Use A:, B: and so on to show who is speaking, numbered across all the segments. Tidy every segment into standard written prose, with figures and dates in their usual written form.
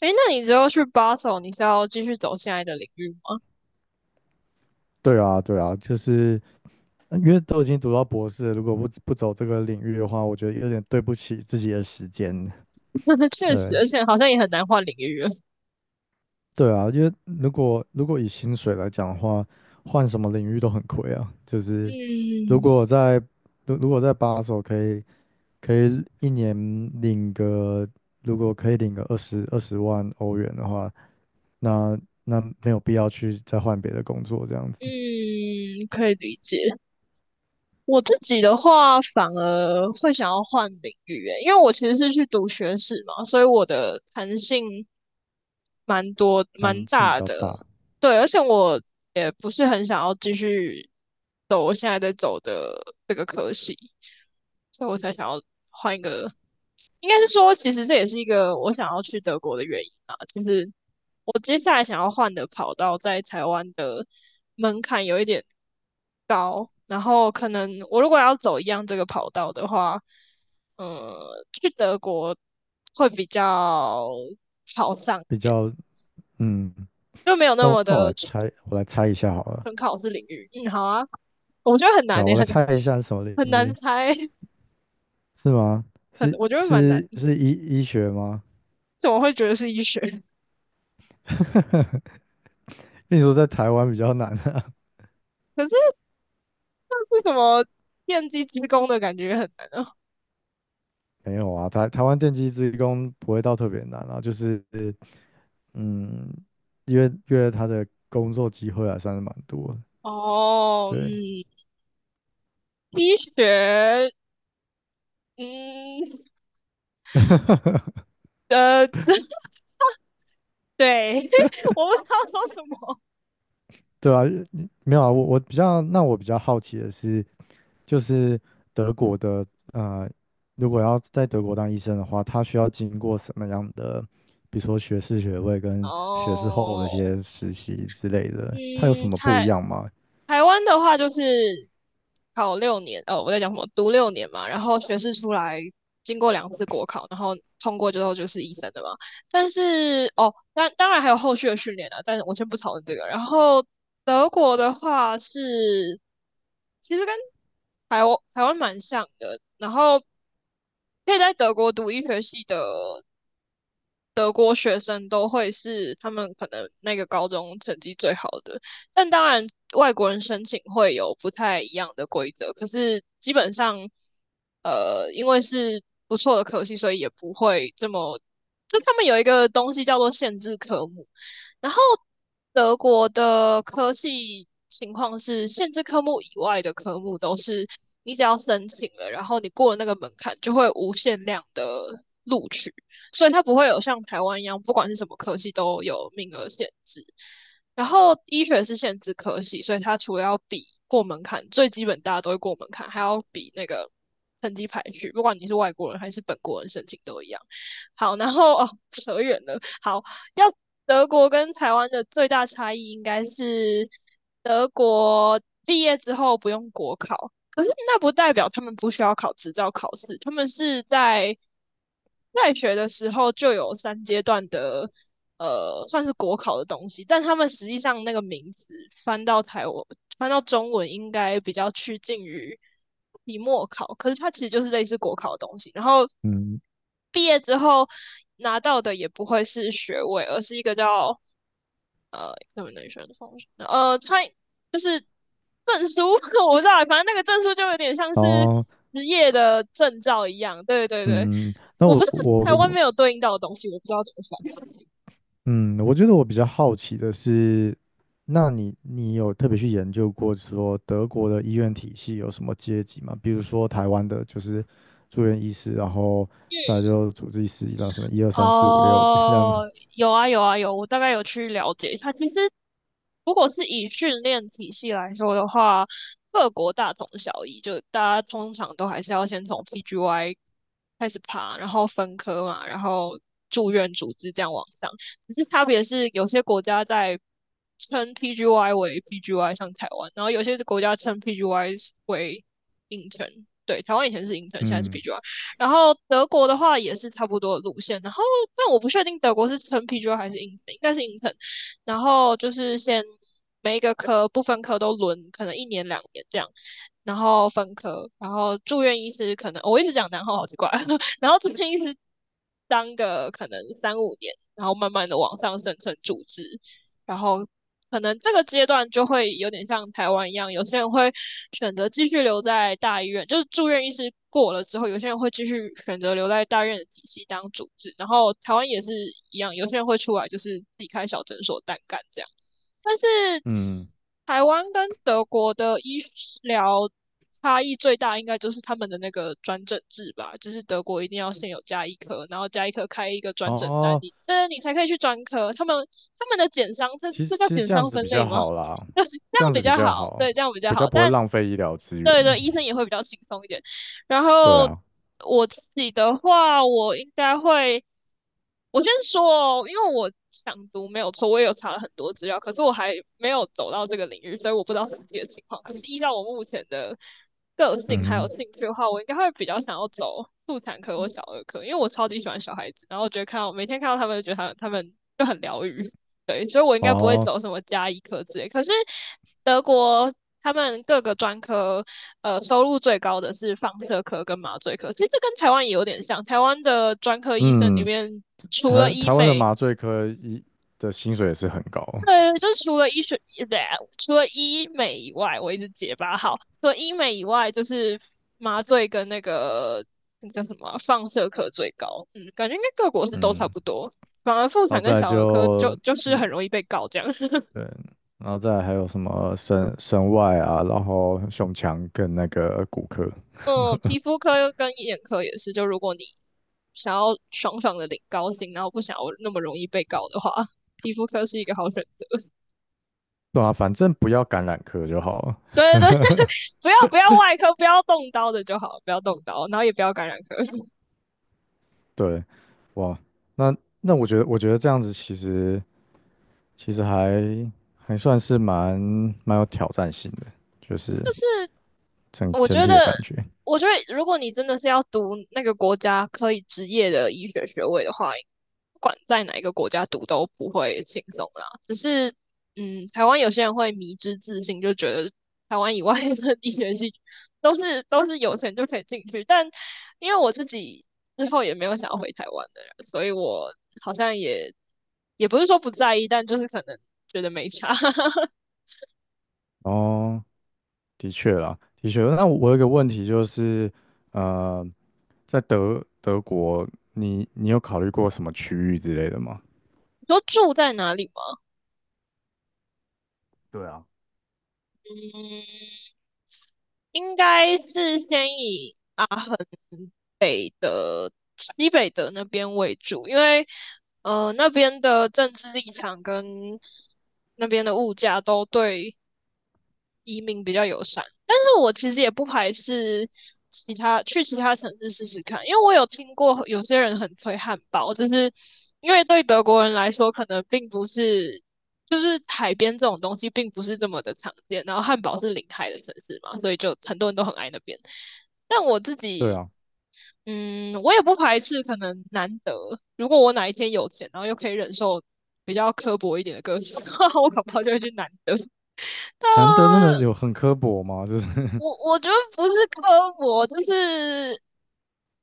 A: 诶，那你之后去 Basel，你是要继续走现在的领域吗？
B: 对啊，对啊，就是因为都已经读到博士了如果不走这个领域的话，我觉得有点对不起自己的时间。
A: 确实，
B: 对，
A: 而且好像也很难换领域了。
B: 对啊，因为如果以薪水来讲的话，换什么领域都很亏啊。就是如
A: 嗯
B: 果我在如果在把手可以一年领个，如果可以领个二十万欧元的话，那没有必要去再换别的工作这样子，
A: 嗯，可以理解。我自己的话，反而会想要换领域，诶，因为我其实是去读学士嘛，所以我的弹性蛮多、蛮
B: 弹性比
A: 大
B: 较
A: 的。
B: 大，
A: 对，而且我也不是很想要继续走我现在在走的这个科系，所以我才想要换一个应该是说，其实这也是一个我想要去德国的原因啊，就是我接下来想要换的跑道在台湾的门槛有一点高，然后可能我如果要走一样这个跑道的话，去德国会比较好上一
B: 比
A: 点，
B: 较嗯。
A: 就没有那
B: 那
A: 么
B: 我那我
A: 的
B: 来猜，我来猜一下好了，
A: 纯考试领域。嗯，好啊，我觉得很
B: 对
A: 难
B: 啊，
A: 诶、
B: 我来
A: 很
B: 猜一下是什么领
A: 很难
B: 域？
A: 猜，
B: 是吗？是
A: 我觉得蛮难，
B: 是是医学吗？
A: 怎么会觉得是医学？
B: 因为你说在台湾比较难啊，
A: 可是是什么电机之工的感觉很难啊。
B: 没有啊，台湾电机职工不会到特别难啊，就是嗯，因为他的工作机会还算是蛮多的，
A: 哦，
B: 对
A: 嗯，医学，嗯，呃，对，我不知道说什么。
B: 对啊，没有啊，我比较，那我比较好奇的是。就是德国的，呃，如果要在德国当医生的话，他需要经过什么样的，比如说学士学位跟学士后的一
A: 哦，
B: 些实习之类的，他有什
A: 嗯，
B: 么
A: 太
B: 不一样吗？
A: 台湾的话就是考六年，哦，我在讲什么？读六年嘛，然后学士出来，经过2次国考，然后通过之后就是医生的嘛。但是哦，当然还有后续的训练啊，但是我先不讨论这个。然后德国的话是，其实跟台湾蛮像的，然后可以在德国读医学系的德国学生都会是他们可能那个高中成绩最好的，但当然外国人申请会有不太一样的规则，可是基本上，因为是不错的科系，所以也不会这么，就他们有一个东西叫做限制科目，然后德国的科系情况是限制科目以外的科目都是你只要申请了，然后你过了那个门槛，就会无限量的录取。所以它不会有像台湾一样，不管是什么科系都有名额限制。然后医学是限制科系，所以它除了要比过门槛，最基本大家都会过门槛，还要比那个成绩排序，不管你是外国人还是本国人申请都一样。好，然后哦，扯远了。好，要德国跟台湾的最大差异应该是德国毕业之后不用国考，可是那不代表他们不需要考执照考试，他们是在学的时候就有3阶段的，算是国考的东西，但他们实际上那个名字翻到台湾，翻到中文应该比较趋近于期末考，可是它其实就是类似国考的东西。然后
B: 嗯，
A: 毕业之后拿到的也不会是学位，而是一个叫怎么能选的方式？它就是证书 我不知道，反正那个证书就有点像
B: 然
A: 是
B: 后
A: 职业的证照一样。对对对，
B: 嗯，那
A: 我不
B: 我
A: 知道
B: 我
A: 台湾没有对应到的东西，我不知道怎么说。
B: 嗯，我觉得我比较好奇的是，那你有特别去研究过说德国的医院体系有什么阶级吗？比如说台湾的就是住院医师，然后再来就主治医师，然后什么一二三四五六这样，
A: 哦，有啊有啊有，我大概有去了解一下其实，如果是以训练体系来说的话，各国大同小异，就大家通常都还是要先从 PGY 开始爬，然后分科嘛，然后住院组织这样往上。只是差别是，有些国家在称 PGY 为 PGY，像台湾，然后有些是国家称 PGY 为 intern。对，台湾以前是 intern，现在是
B: 嗯
A: PGY。然后德国的话也是差不多的路线，然后但我不确定德国是称啤酒还是硬腾，应该是硬腾。然后就是先每一个科不分科都轮，可能一年两年这样，然后分科，然后住院医师可能、哦我一直讲然后好奇怪，然后住院医师当个可能三五年，然后慢慢的往上升成主治，然后可能这个阶段就会有点像台湾一样，有些人会选择继续留在大医院，就是住院医师过了之后，有些人会继续选择留在大医院的体系当主治，然后台湾也是一样，有些人会出来就是自己开小诊所单干这样。但是
B: 嗯，
A: 台湾跟德国的医疗差异最大，应该就是他们的那个转诊制吧，就是德国一定要先有加医科，然后加医科开一个转诊单，
B: 哦，
A: 你才可以去专科。他们的减伤，这
B: 其
A: 这
B: 实
A: 叫
B: 其实
A: 减
B: 这样
A: 伤
B: 子
A: 分
B: 比较
A: 类吗？
B: 好啦，
A: 这样
B: 这样子
A: 比
B: 比
A: 较好，
B: 较好，
A: 对，这样比较
B: 比较
A: 好。
B: 不会
A: 但
B: 浪费医疗资源。
A: 对对，医生也会比较轻松一点。然
B: 对
A: 后
B: 啊，
A: 我自己的话，我应该会。我先说哦，因为我想读没有错，我也有查了很多资料，可是我还没有走到这个领域，所以我不知道实际的情况。可是依照我目前的个性还有
B: 嗯
A: 兴趣的话，我应该会比较想要走妇产科或小儿科，因为我超级喜欢小孩子，然后我觉得看到每天看到他们，就觉得他们就很疗愈，对，所以我应
B: 哼，
A: 该不会
B: 哦，
A: 走什么加医科之类。可是德国他们各个专科，收入最高的是放射科跟麻醉科。其实这跟台湾也有点像，台湾的专科医生里
B: 嗯，
A: 面除了
B: 台
A: 医
B: 台湾的
A: 美，
B: 麻醉科医的薪水也是很高，
A: 对，就是除了医学，对啊，除了医美以外，我一直结巴好。除了医美以外，就是麻醉跟那个那叫什么啊放射科最高，嗯，感觉应该各国是都差
B: 嗯，
A: 不多。反而妇
B: 然后
A: 产
B: 再
A: 跟
B: 来
A: 小儿科就
B: 就
A: 就是很容易被告这样。
B: 对，然后再来还有什么神外啊，然后胸腔跟那个骨科，
A: 嗯，皮 肤科跟眼科也是，就如果你想要爽爽的领高薪，然后不想要那么容易被告的话，皮肤科是一个好选
B: 对啊，反正不要感染科就好了。
A: 对对对，不要外科，不要动刀的就好，不要动刀，然后也不要感染科。就
B: 对，哇，那那我觉得这样子其实。其实还算是蛮有挑战性的，就是
A: 是
B: 整
A: 我
B: 整
A: 觉
B: 体
A: 得，
B: 的感觉。
A: 我觉得如果你真的是要读那个国家可以执业的医学学位的话，不管在哪一个国家读都不会轻松啦。只是，嗯，台湾有些人会迷之自信，就觉得台湾以外的医学系 都是有钱就可以进去。但因为我自己之后也没有想要回台湾的人，所以我好像也不是说不在意，但就是可能觉得没差。
B: 哦，的确啦，的确。那我有一个问题就是，呃，在德国，你有考虑过什么区域之类的吗？
A: 你说住在哪里吗？
B: 对啊，
A: 嗯，应该是先以阿恒西北的那边为主，因为那边的政治立场跟那边的物价都对移民比较友善，但是我其实也不排斥去其他城市试试看，因为我有听过有些人很推汉堡，就是因为对德国人来说，可能并不是就是海边这种东西并不是这么的常见，然后汉堡是临海的城市嘛，所以就很多人都很爱那边。但我自
B: 对
A: 己，
B: 啊，
A: 嗯，我也不排斥可能难得，如果我哪一天有钱，然后又可以忍受。比较刻薄一点的歌手，的话，我恐怕就会去南德。但
B: 难得真的有很刻薄吗？就是
A: 我觉得不是刻薄，就是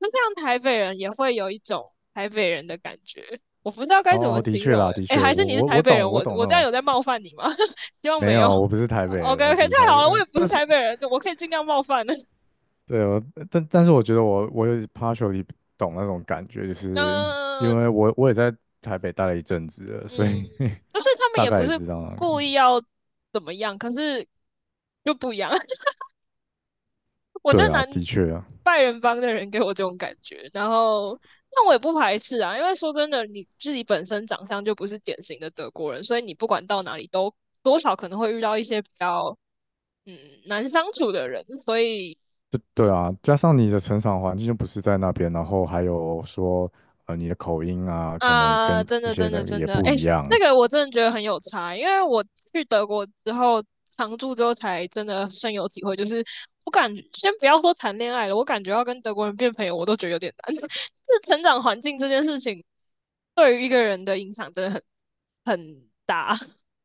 A: 就像台北人也会有一种台北人的感觉，我不知道该怎
B: 哦，
A: 么
B: 哦的
A: 形
B: 确
A: 容诶、
B: 啦，的
A: 欸诶、
B: 确，我
A: 还是你是
B: 我
A: 台
B: 我
A: 北
B: 懂，
A: 人，
B: 我
A: 我
B: 懂那
A: 我这样
B: 种。
A: 有在冒犯你吗？希望
B: 没
A: 没有。
B: 有，我不是台北
A: OK
B: 人，我不
A: OK，
B: 是台
A: 太
B: 北
A: 好了，我
B: 人。
A: 也不是
B: 但是。
A: 台北人，我可以尽量冒犯的。
B: 对，我但是我觉得我有 partially 懂那种感觉，就是因
A: 嗯、
B: 为我也在台北待了一阵子了，
A: 嗯，
B: 所以
A: 就是他 们
B: 大
A: 也
B: 概
A: 不
B: 也
A: 是
B: 知道那
A: 故
B: 个。
A: 意要怎么样，可是就不一样。我觉得
B: 对啊，
A: 南
B: 的确啊，
A: 拜仁帮的人给我这种感觉，然后那我也不排斥啊，因为说真的，你自己本身长相就不是典型的德国人，所以你不管到哪里都多少可能会遇到一些比较嗯难相处的人，所以
B: 对对啊，加上你的成长环境就不是在那边，然后还有说你的口音啊，可能
A: 啊、
B: 跟
A: 真
B: 一
A: 的，
B: 些
A: 真的，
B: 人
A: 真
B: 也
A: 的，
B: 不
A: 哎、
B: 一
A: 那
B: 样。
A: 个我真的觉得很有差，因为我去德国之后常住之后，才真的深有体会。就是我感觉，先不要说谈恋爱了，我感觉要跟德国人变朋友，我都觉得有点难。就是成长环境这件事情，对于一个人的影响真的很大。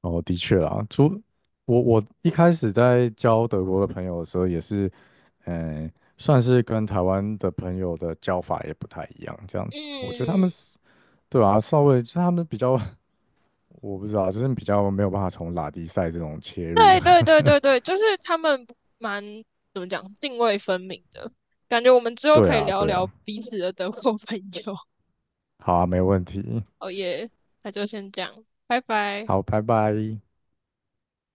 B: 哦，的确啊，我一开始在交德国的朋友的时候，也是嗯。算是跟台湾的朋友的交法也不太一样，这样子。我觉得他们
A: 嗯，
B: 对啊，稍微就是他们比较，我不知道，就是比较没有办法从拉迪赛这种切入。
A: 对对对对对，就是他们蛮怎么讲，泾渭分明的感觉。我们之 后
B: 对
A: 可以
B: 啊，
A: 聊
B: 对
A: 聊
B: 啊，
A: 彼此的德国朋友。
B: 好啊，没问题，
A: 哦耶，那就先这样，拜拜。
B: 好，拜拜。